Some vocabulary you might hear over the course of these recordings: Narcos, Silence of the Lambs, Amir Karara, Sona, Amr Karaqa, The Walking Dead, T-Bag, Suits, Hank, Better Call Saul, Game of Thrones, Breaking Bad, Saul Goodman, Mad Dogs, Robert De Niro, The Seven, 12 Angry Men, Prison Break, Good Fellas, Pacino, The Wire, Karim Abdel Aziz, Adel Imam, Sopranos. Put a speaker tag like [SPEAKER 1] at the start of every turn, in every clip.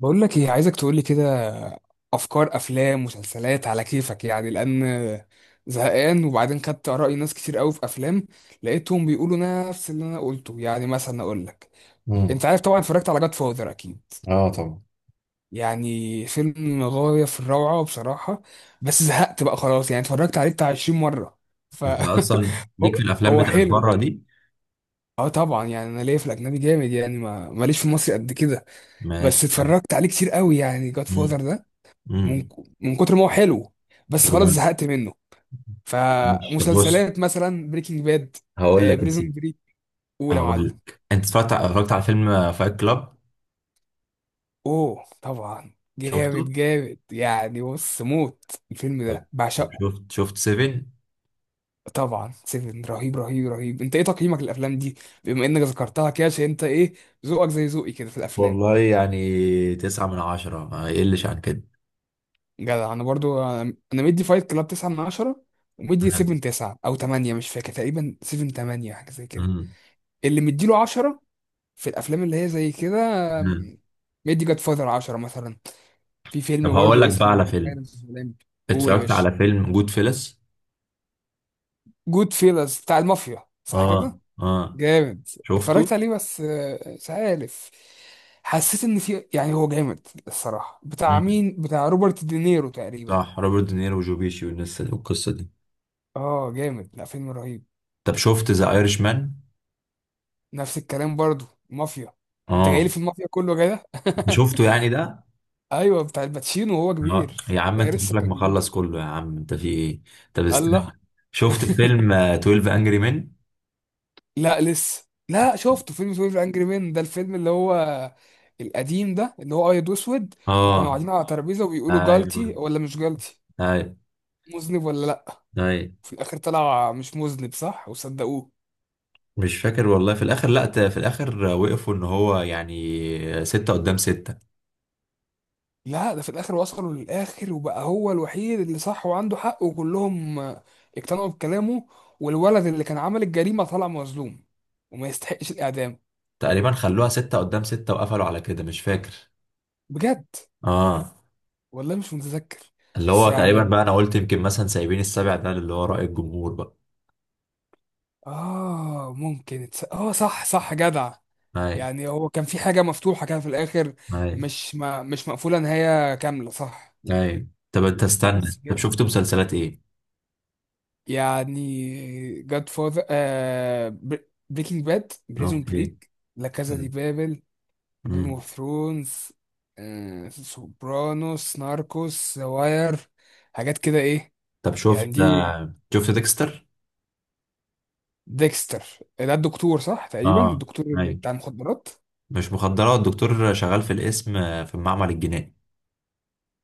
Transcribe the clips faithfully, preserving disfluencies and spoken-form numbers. [SPEAKER 1] بقول لك ايه، عايزك تقول لي كده افكار افلام مسلسلات على كيفك، يعني لان زهقان. وبعدين خدت اراء ناس كتير قوي في افلام، لقيتهم بيقولوا نفس اللي انا قلته. يعني مثلا اقول لك، انت
[SPEAKER 2] امم.
[SPEAKER 1] عارف طبعا اتفرجت على جاد فاذر اكيد،
[SPEAKER 2] اه طبعا،
[SPEAKER 1] يعني فيلم غاية في الروعة بصراحة. بس زهقت بقى خلاص، يعني اتفرجت عليه بتاع عشرين مرة. ف
[SPEAKER 2] انت اصلا ليك
[SPEAKER 1] هو
[SPEAKER 2] في الافلام
[SPEAKER 1] هو
[SPEAKER 2] بتاع
[SPEAKER 1] حلو.
[SPEAKER 2] بره دي؟
[SPEAKER 1] اه طبعا، يعني انا ليا في الاجنبي جامد، يعني ما ماليش في مصر قد كده. بس
[SPEAKER 2] ماشي حلو.
[SPEAKER 1] اتفرجت عليه كتير قوي يعني جاد
[SPEAKER 2] امم،
[SPEAKER 1] فاذر من
[SPEAKER 2] امم.
[SPEAKER 1] من كتر ما هو حلو، بس خلاص
[SPEAKER 2] طيب،
[SPEAKER 1] زهقت منه.
[SPEAKER 2] ماشي، طب، بص.
[SPEAKER 1] فمسلسلات مثلا بريكنج باد،
[SPEAKER 2] هقول لك يا
[SPEAKER 1] بريزون
[SPEAKER 2] سيدي.
[SPEAKER 1] بريك، اولى
[SPEAKER 2] هقول
[SPEAKER 1] معلم.
[SPEAKER 2] لك انت اتفرجت اتفرجت على فيلم فايت كلاب.
[SPEAKER 1] اوه طبعا،
[SPEAKER 2] شفته؟
[SPEAKER 1] جامد جامد يعني، بص موت، الفيلم
[SPEAKER 2] طب
[SPEAKER 1] ده
[SPEAKER 2] طب
[SPEAKER 1] بعشقه.
[SPEAKER 2] شفت شفت سيفن؟
[SPEAKER 1] طبعا سيفن رهيب رهيب رهيب. انت ايه تقييمك للافلام دي؟ بما انك ذكرتها كده، عشان انت ايه، ذوقك زي ذوقي كده في الافلام.
[SPEAKER 2] والله يعني تسعة من عشرة، ما يقلش عن كده.
[SPEAKER 1] جدع، انا برضو انا أنا مدي فايت كلاب تسعة من عشرة، ومدي
[SPEAKER 2] مم.
[SPEAKER 1] سبعة تسعة او تمانية مش فاكر، تقريبا سبعة تمانية حاجه زي كده.
[SPEAKER 2] مم.
[SPEAKER 1] اللي مديله عشرة في الافلام اللي هي زي كده،
[SPEAKER 2] مم.
[SPEAKER 1] آم، مدي جاد فاذر عشرة مثلا. في
[SPEAKER 2] طب
[SPEAKER 1] فيلم
[SPEAKER 2] هقول
[SPEAKER 1] برضو
[SPEAKER 2] لك بقى
[SPEAKER 1] اسمه
[SPEAKER 2] على فيلم،
[SPEAKER 1] سايلنس اوف لامب. قول يا
[SPEAKER 2] اتفرجت
[SPEAKER 1] باشا.
[SPEAKER 2] على فيلم جود فيلس.
[SPEAKER 1] جود فيلز بتاع المافيا صح
[SPEAKER 2] اه،
[SPEAKER 1] كده؟
[SPEAKER 2] اه،
[SPEAKER 1] جامد.
[SPEAKER 2] شفته؟
[SPEAKER 1] اتفرجت عليه بس آه، مش عارف، حسيت ان في يعني، هو جامد الصراحه، بتاع
[SPEAKER 2] مم.
[SPEAKER 1] مين، بتاع روبرت دينيرو تقريبا.
[SPEAKER 2] صح، روبرت دينيرو وجو بيشي والناس والقصة دي.
[SPEAKER 1] اه جامد، لا فيلم رهيب.
[SPEAKER 2] طب شفت ذا ايرش مان؟
[SPEAKER 1] نفس الكلام، برضو مافيا. انت جاي لي
[SPEAKER 2] اه.
[SPEAKER 1] في المافيا كله كده.
[SPEAKER 2] انت شفته يعني ده؟
[SPEAKER 1] ايوه، بتاع الباتشينو وهو
[SPEAKER 2] اه
[SPEAKER 1] كبير،
[SPEAKER 2] يا عم،
[SPEAKER 1] ده
[SPEAKER 2] انت
[SPEAKER 1] لسه
[SPEAKER 2] شكلك
[SPEAKER 1] كان جديد.
[SPEAKER 2] مخلص كله، يا عم انت في ايه! طب
[SPEAKER 1] الله.
[SPEAKER 2] استنى. شفت فيلم آه، اتناشر انجري مان؟
[SPEAKER 1] لا لسه، لا شفته فيلم اتناشر انجري مان، ده الفيلم اللي هو القديم ده اللي هو ابيض واسود، وكانوا
[SPEAKER 2] اه،
[SPEAKER 1] قاعدين على ترابيزه وبيقولوا جالتي
[SPEAKER 2] ايوه،
[SPEAKER 1] ولا مش جالتي،
[SPEAKER 2] ايوه،
[SPEAKER 1] مذنب ولا لا.
[SPEAKER 2] ايوه.
[SPEAKER 1] في الاخر طلع مش مذنب صح وصدقوه.
[SPEAKER 2] مش فاكر والله. في الاخر، لا، ت- في الاخر وقفوا ان هو يعني ستة قدام ستة.
[SPEAKER 1] لا، ده في الاخر وصلوا للاخر، وبقى هو الوحيد اللي صح وعنده حق، وكلهم آه، اقتنعوا بكلامه، والولد اللي كان عمل الجريمه طلع مظلوم وما يستحقش الاعدام.
[SPEAKER 2] تقريبا خلوها ستة قدام ستة وقفلوا على كده، مش فاكر.
[SPEAKER 1] بجد؟
[SPEAKER 2] اه.
[SPEAKER 1] والله مش متذكر.
[SPEAKER 2] اللي
[SPEAKER 1] بس
[SPEAKER 2] هو تقريبا
[SPEAKER 1] يعني،
[SPEAKER 2] بقى، انا قلت يمكن مثلا سايبين السبع ده اللي هو رأي الجمهور بقى.
[SPEAKER 1] اه ممكن تص- اه صح صح، جدع.
[SPEAKER 2] ايوه،
[SPEAKER 1] يعني هو كان في حاجة مفتوحة كده في الآخر،
[SPEAKER 2] ايوه،
[SPEAKER 1] مش ما مش مقفولة نهاية كاملة صح.
[SPEAKER 2] ايوه. طب انت
[SPEAKER 1] لا
[SPEAKER 2] استنى،
[SPEAKER 1] بس
[SPEAKER 2] طب
[SPEAKER 1] جامد،
[SPEAKER 2] شفت مسلسلات ايه؟
[SPEAKER 1] يعني جاد فاذر آه بريكنج باد بريزون
[SPEAKER 2] اوكي.
[SPEAKER 1] بريك، لا كازا دي
[SPEAKER 2] حلو.
[SPEAKER 1] بابل، جيم
[SPEAKER 2] مم.
[SPEAKER 1] اوف ثرونز، آه سوبرانوس ناركوس واير، حاجات كده ايه.
[SPEAKER 2] طب
[SPEAKER 1] يعني
[SPEAKER 2] شفت
[SPEAKER 1] دي
[SPEAKER 2] آه، شفت ديكستر؟
[SPEAKER 1] ديكستر، ده الدكتور صح تقريبا،
[SPEAKER 2] اه.
[SPEAKER 1] الدكتور اللي
[SPEAKER 2] ايوه.
[SPEAKER 1] بتاع المخدرات.
[SPEAKER 2] مش مخدرات، الدكتور شغال في القسم، آه، في المعمل الجنائي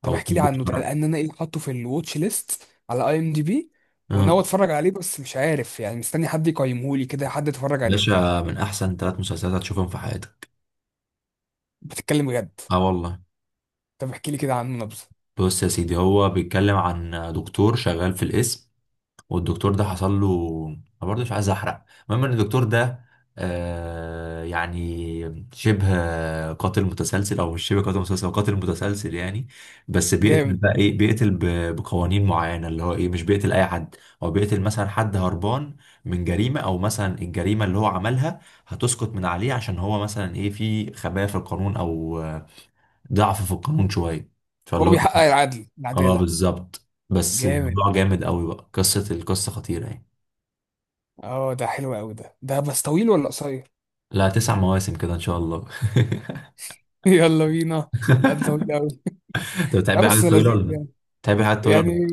[SPEAKER 1] طب
[SPEAKER 2] او
[SPEAKER 1] احكي لي
[SPEAKER 2] الطب
[SPEAKER 1] عنه ده،
[SPEAKER 2] الشرعي.
[SPEAKER 1] لان انا ايه، حاطه في الواتش ليست على اي ام دي بي،
[SPEAKER 2] اه.
[SPEAKER 1] وناوي اتفرج عليه، بس مش عارف يعني، مستني حد يقيمه لي كده، حد يتفرج عليه.
[SPEAKER 2] باشا من احسن ثلاث مسلسلات هتشوفهم في حياتك.
[SPEAKER 1] بتتكلم بجد؟
[SPEAKER 2] اه والله.
[SPEAKER 1] طب احكي لي كده عنه نبذه.
[SPEAKER 2] بص يا سيدي، هو بيتكلم عن دكتور شغال في القسم، والدكتور ده حصل له، انا برضه مش عايز احرق. المهم ان الدكتور ده آه يعني شبه قاتل متسلسل، او مش شبه قاتل متسلسل، هو قاتل متسلسل يعني. بس بيقتل
[SPEAKER 1] جامد.
[SPEAKER 2] بقى ايه، بيقتل ب- بقوانين معينه، اللي هو ايه، مش بيقتل اي حد. هو بيقتل مثلا حد هربان من جريمه، او مثلا الجريمه اللي هو عملها هتسقط من عليه، عشان هو مثلا ايه، في خبايا في القانون او آه، ضعف في القانون شويه.
[SPEAKER 1] هو
[SPEAKER 2] فاللي هو
[SPEAKER 1] بيحقق
[SPEAKER 2] إيه؟
[SPEAKER 1] العدل،
[SPEAKER 2] اه،
[SPEAKER 1] العداله.
[SPEAKER 2] بالظبط. بس
[SPEAKER 1] جامد،
[SPEAKER 2] الموضوع جامد قوي بقى، قصه القصه خطيره يعني.
[SPEAKER 1] اه ده حلو قوي ده ده بس طويل ولا قصير؟
[SPEAKER 2] لا، تسع مواسم كده ان شاء الله.
[SPEAKER 1] يلا بينا. لا ده طويل قوي.
[SPEAKER 2] انت
[SPEAKER 1] لا
[SPEAKER 2] بتحب الحاجات
[SPEAKER 1] بس
[SPEAKER 2] الطويله ولا
[SPEAKER 1] لذيذ
[SPEAKER 2] لا؟
[SPEAKER 1] يعني.
[SPEAKER 2] بتحب الحاجات الطويله
[SPEAKER 1] يعني
[SPEAKER 2] ولا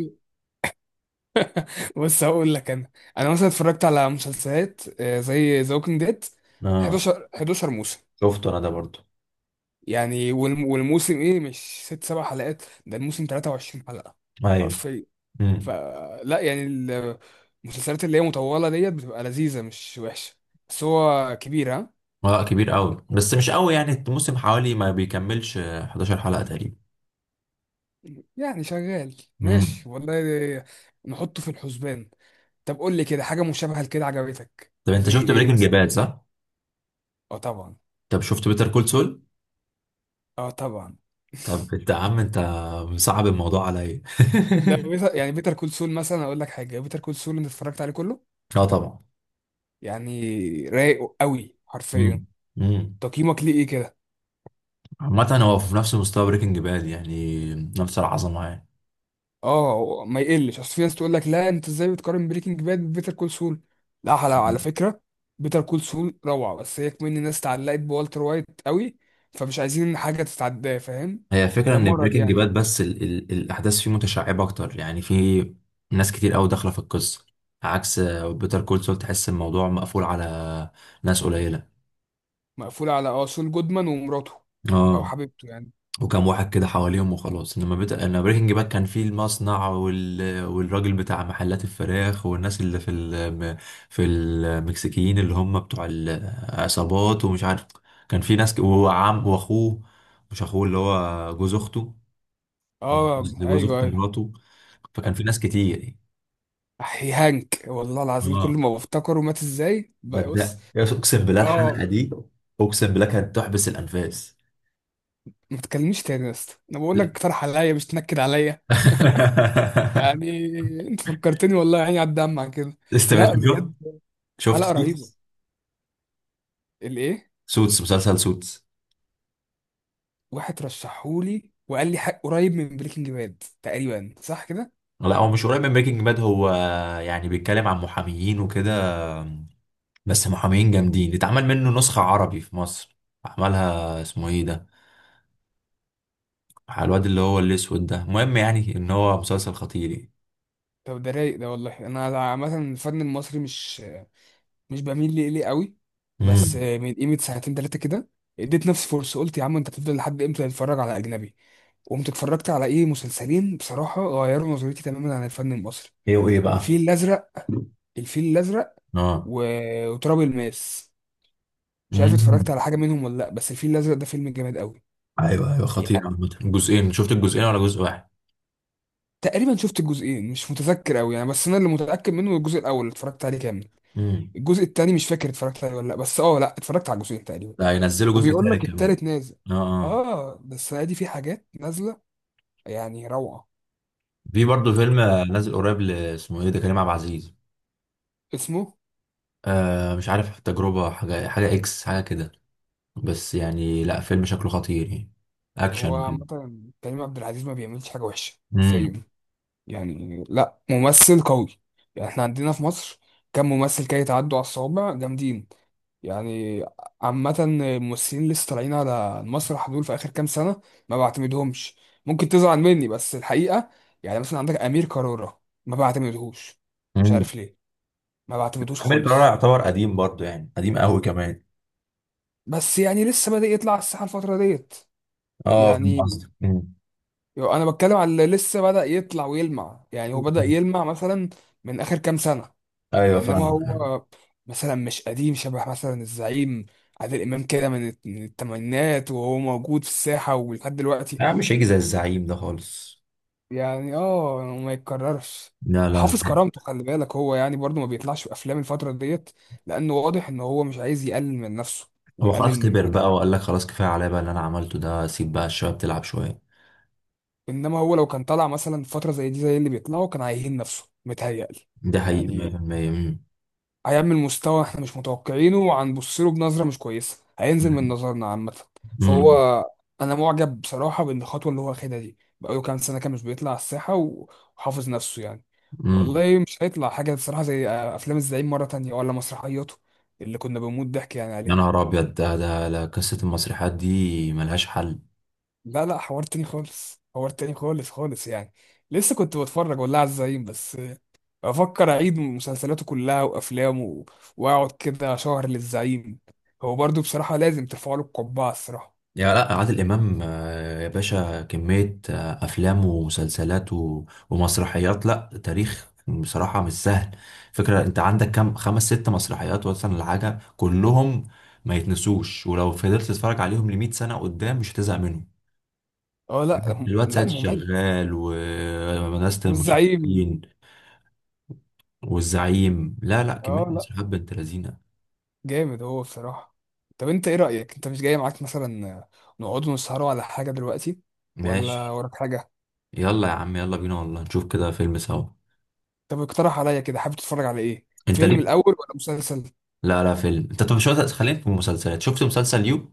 [SPEAKER 1] بص، هقول لك انا انا مثلا اتفرجت على مسلسلات آه، زي ذا ووكينج ديد،
[SPEAKER 2] لا؟ اه،
[SPEAKER 1] حداشر حداشر موسم.
[SPEAKER 2] شفته انا ده برضو.
[SPEAKER 1] يعني والم- والموسم ايه، مش ست سبع حلقات، ده الموسم تلاتة وعشرين حلقة
[SPEAKER 2] ايوه.
[SPEAKER 1] حرفيا.
[SPEAKER 2] امم.
[SPEAKER 1] فلا يعني، ال- المسلسلات اللي هي مطولة ديت بتبقى لذيذة، مش وحشة، بس هو كبير ها.
[SPEAKER 2] اه كبير قوي، بس مش قوي يعني، الموسم حوالي ما بيكملش آه، حداشر حلقه تقريبا.
[SPEAKER 1] يعني شغال
[SPEAKER 2] امم.
[SPEAKER 1] ماشي والله، نحطه في الحسبان. طب قول لي كده حاجة مشابهة لكده عجبتك
[SPEAKER 2] طب انت
[SPEAKER 1] زي
[SPEAKER 2] شفت
[SPEAKER 1] ايه
[SPEAKER 2] بريكنج
[SPEAKER 1] مثلا؟
[SPEAKER 2] باد صح؟
[SPEAKER 1] اه طبعا.
[SPEAKER 2] طب شفت بيتر كول سول؟
[SPEAKER 1] اه طبعا.
[SPEAKER 2] طب انت يا عم، انت مصعب الموضوع عليا.
[SPEAKER 1] لا بيتر، يعني بيتر كول سول مثلا، اقول لك حاجة، بيتر كول سول انت اتفرجت عليه كله
[SPEAKER 2] اه طبعا.
[SPEAKER 1] يعني، رايق قوي حرفيا.
[SPEAKER 2] امم، امم.
[SPEAKER 1] تقييمك ليه ايه كده؟
[SPEAKER 2] عامة هو في نفس مستوى بريكنج باد يعني، نفس العظمة
[SPEAKER 1] اه ما يقلش، اصل في ناس تقول لك لا انت ازاي بتقارن بريكنج باد ببيتر كول سول. لا، على على
[SPEAKER 2] يعني.
[SPEAKER 1] فكره، بيتر كول سول روعه، بس هي كمان الناس اتعلقت بوالتر وايت قوي، فمش عايزين ان حاجه تتعداه، فاهم؟
[SPEAKER 2] هي فكرة
[SPEAKER 1] ده
[SPEAKER 2] ان
[SPEAKER 1] مرض
[SPEAKER 2] بريكنج
[SPEAKER 1] يعني.
[SPEAKER 2] باد، بس ال ال الاحداث فيه متشعبة اكتر، يعني في ناس كتير قوي داخلة في القصة، عكس بيتر كول سول، تحس الموضوع مقفول على ناس قليلة.
[SPEAKER 1] مقفول على اه سول جودمان ومراته، او
[SPEAKER 2] اه،
[SPEAKER 1] حبيبته يعني.
[SPEAKER 2] وكم واحد كده حواليهم وخلاص. انما بيت... انا بريكنج باد كان فيه المصنع وال... والراجل بتاع محلات الفراخ، والناس اللي في ال... في المكسيكيين اللي هم بتوع العصابات، ومش عارف، كان في ناس ك... وعم واخوه، مش اخوه اللي هو جوز اخته،
[SPEAKER 1] اه
[SPEAKER 2] لجوز
[SPEAKER 1] ايوه
[SPEAKER 2] اخت
[SPEAKER 1] ايوه.
[SPEAKER 2] مراته، فكان في ناس كتير يعني.
[SPEAKER 1] احي، هانك والله العظيم كل
[SPEAKER 2] اه،
[SPEAKER 1] ما بفتكره مات ازاي بقى، بص.
[SPEAKER 2] بدأ اقسم بالله
[SPEAKER 1] اه.
[SPEAKER 2] الحلقه دي، اقسم بالله كانت تحبس الانفاس.
[SPEAKER 1] ما تكلمنيش تاني يا اسطى، انا بقول لك اقترح عليا، مش تنكد عليا يعني. انت فكرتني والله، عيني على الدمع عن كده.
[SPEAKER 2] لسه انت
[SPEAKER 1] لا
[SPEAKER 2] شفت؟
[SPEAKER 1] بجد
[SPEAKER 2] شفت
[SPEAKER 1] حلقه رهيبه.
[SPEAKER 2] سوتس؟
[SPEAKER 1] الايه؟
[SPEAKER 2] سوتس، مسلسل سوتس.
[SPEAKER 1] واحد رشحهولي وقال لي حق، قريب من بريكنج باد تقريبا صح كده؟
[SPEAKER 2] لا، هو مش قريب من بريكنج باد، هو يعني بيتكلم عن محاميين وكده، بس محامين جامدين. اتعمل منه نسخة عربي في مصر، عملها اسمه ايه ده، على الواد اللي هو الاسود ده. المهم يعني ان هو مسلسل خطير يعني.
[SPEAKER 1] طب ده رايق ده، والله انا عامه الفن المصري مش مش بميل ليه، ليه قوي، بس
[SPEAKER 2] امم.
[SPEAKER 1] من قيمه سنتين ثلاثه كده اديت نفسي فرصه، قلت يا عم انت هتفضل لحد امتى تتفرج على اجنبي؟ قمت اتفرجت على ايه، مسلسلين بصراحه غيروا نظرتي تماما عن الفن المصري.
[SPEAKER 2] ايه وايه بقى؟
[SPEAKER 1] الفيل الازرق الفيل الازرق
[SPEAKER 2] اه.
[SPEAKER 1] و... وتراب الماس. مش عارف اتفرجت
[SPEAKER 2] امم.
[SPEAKER 1] على حاجه منهم ولا لا، بس الفيل الازرق ده فيلم جامد قوي.
[SPEAKER 2] ايوه، ايوه، خطير
[SPEAKER 1] يعني
[SPEAKER 2] عامة، جزئين، شفت الجزئين ولا جزء واحد؟
[SPEAKER 1] تقريبا شفت الجزئين، مش متذكر قوي يعني، بس انا اللي متاكد منه الجزء الاول اللي اتفرجت عليه كامل.
[SPEAKER 2] امم.
[SPEAKER 1] الجزء التاني مش فاكر اتفرجت عليه ولا لا، بس اه لا اتفرجت على الجزئين تقريبا.
[SPEAKER 2] ده هينزلوا جزء
[SPEAKER 1] وبيقول لك
[SPEAKER 2] تالت كمان.
[SPEAKER 1] التالت نازل.
[SPEAKER 2] اه. اه.
[SPEAKER 1] اه ده السنه دي في حاجات نازله، يعني روعه.
[SPEAKER 2] في برضه فيلم آه، نازل قريب ل- اسمه ايه ده، كريم عبد العزيز.
[SPEAKER 1] اسمه.
[SPEAKER 2] آه مش عارف، تجربة حاجة، حاجة اكس حاجة كده، بس يعني لا فيلم شكله خطير يعني،
[SPEAKER 1] هو
[SPEAKER 2] اكشن
[SPEAKER 1] عامه
[SPEAKER 2] كده.
[SPEAKER 1] كريم عبد العزيز ما بيعملش حاجه وحشه
[SPEAKER 2] امم.
[SPEAKER 1] حرفيا، يعني لا، ممثل قوي. يعني احنا عندنا في مصر كم ممثل كده يتعدوا على الصوابع جامدين يعني. عامة الممثلين اللي لسه طالعين على المسرح دول في آخر كام سنة ما بعتمدهمش، ممكن تزعل مني بس الحقيقة. يعني مثلا عندك أمير كرارة، ما بعتمدهوش، مش
[SPEAKER 2] امم.
[SPEAKER 1] عارف ليه، ما بعتمدهوش
[SPEAKER 2] امير كرارة
[SPEAKER 1] خالص.
[SPEAKER 2] يعتبر قديم برضه، يعني قديم قوي كمان.
[SPEAKER 1] بس يعني لسه بدأ يطلع على الساحة الفترة ديت.
[SPEAKER 2] اه فاهم
[SPEAKER 1] يعني
[SPEAKER 2] قصدك. أمم.
[SPEAKER 1] أنا بتكلم على اللي لسه بدأ يطلع ويلمع، يعني هو بدأ يلمع مثلا من آخر كام سنة.
[SPEAKER 2] ايوه
[SPEAKER 1] انما
[SPEAKER 2] فاهمك.
[SPEAKER 1] هو مثلا مش قديم شبه مثلا الزعيم. عادل امام كده من الت- من التمانينات وهو موجود في الساحه ولحد دلوقتي
[SPEAKER 2] لا، مش هيجي زي الزعيم ده خالص.
[SPEAKER 1] يعني، اه ما يتكررش.
[SPEAKER 2] لا، لا.
[SPEAKER 1] حافظ كرامته، خلي بالك هو يعني برضو ما بيطلعش في افلام الفتره ديت، لانه واضح ان هو مش عايز يقلل من نفسه
[SPEAKER 2] هو
[SPEAKER 1] ويقلل
[SPEAKER 2] خلاص
[SPEAKER 1] من
[SPEAKER 2] كبر بقى،
[SPEAKER 1] مكانته.
[SPEAKER 2] وقال لك خلاص كفايه عليا بقى، اللي انا عملته ده، سيب بقى الشباب تلعب شويه.
[SPEAKER 1] انما هو لو كان طلع مثلا في فتره زي دي زي اللي بيطلعوا كان هيهين نفسه متهيألي،
[SPEAKER 2] دي حقيقه
[SPEAKER 1] يعني
[SPEAKER 2] مئة بالمئة.
[SPEAKER 1] هيعمل مستوى احنا مش متوقعينه، وهنبص له بنظره مش كويسه، هينزل من
[SPEAKER 2] امم،
[SPEAKER 1] نظرنا عامه. فهو
[SPEAKER 2] امم.
[SPEAKER 1] انا معجب بصراحه بالخطوه اللي هو واخدها دي، بقاله كام سنه كان مش بيطلع على الساحه و- وحافظ نفسه يعني.
[SPEAKER 2] أمم.
[SPEAKER 1] والله مش هيطلع حاجه بصراحه زي افلام الزعيم مره تانية، ولا مسرحياته اللي كنا بنموت ضحك يعني
[SPEAKER 2] يا
[SPEAKER 1] عليها.
[SPEAKER 2] نهار ابيض ده ده لا، قصه المسرحيات دي ملهاش حل.
[SPEAKER 1] لا لا، حوار تاني خالص، حوار تاني خالص خالص يعني. لسه كنت بتفرج والله على الزعيم، بس افكر اعيد مسلسلاته كلها وافلامه و- واقعد كده شهر للزعيم. هو برضو بصراحه لازم ترفع له القبعه الصراحه.
[SPEAKER 2] يا، لا، عادل امام، آه، يا باشا، كميه آه، افلام ومسلسلات و- ومسرحيات، لا تاريخ بصراحه مش سهل. فكره انت عندك كام، خمس ست مسرحيات مثلا، الحاجه كلهم ما يتنسوش، ولو فضلت تتفرج عليهم لمية سنه قدام مش هتزهق منهم.
[SPEAKER 1] اه لا هم-
[SPEAKER 2] الواد
[SPEAKER 1] لا
[SPEAKER 2] سيد
[SPEAKER 1] مميز.
[SPEAKER 2] شغال، وناس
[SPEAKER 1] والزعيم.
[SPEAKER 2] المشرفين، والزعيم. لا، لا، كمية
[SPEAKER 1] اه لا
[SPEAKER 2] مسرحيات بنت لذينة.
[SPEAKER 1] جامد هو بصراحه. طب انت ايه رايك، انت مش جاي معاك مثلا نقعد نسهروا على حاجه دلوقتي ولا
[SPEAKER 2] ماشي،
[SPEAKER 1] وراك حاجه؟
[SPEAKER 2] يلا يا عم، يلا بينا والله نشوف كده فيلم سوا.
[SPEAKER 1] طب اقترح عليا كده، حابب تتفرج على ايه،
[SPEAKER 2] انت
[SPEAKER 1] فيلم
[SPEAKER 2] ليه؟
[SPEAKER 1] الاول ولا مسلسل؟
[SPEAKER 2] لا، لا، فيلم انت، طب شو، خلينا في المسلسلات. شفت مسلسل يو؟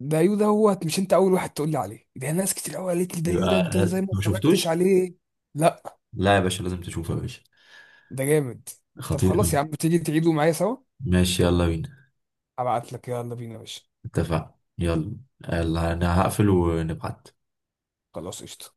[SPEAKER 1] دايو ده، يو دوت، مش انت اول واحد تقول لي عليه ده، ناس كتير قوي قالت لي ده يو ده، انت
[SPEAKER 2] يبقى
[SPEAKER 1] زي ما
[SPEAKER 2] ما
[SPEAKER 1] اتفرجتش
[SPEAKER 2] شفتوش؟
[SPEAKER 1] عليه. لا
[SPEAKER 2] لا يا باشا، لازم تشوفه يا باشا،
[SPEAKER 1] ده جامد. طب
[SPEAKER 2] خطير
[SPEAKER 1] خلاص يا
[SPEAKER 2] أوي.
[SPEAKER 1] عم، تيجي تعيدوا معايا سوا؟
[SPEAKER 2] ماشي، يلا بينا.
[SPEAKER 1] ابعت لك، يلا بينا يا باشا.
[SPEAKER 2] اتفق، يلا. يلا انا هقفل ونبعت.
[SPEAKER 1] خلاص قشطة.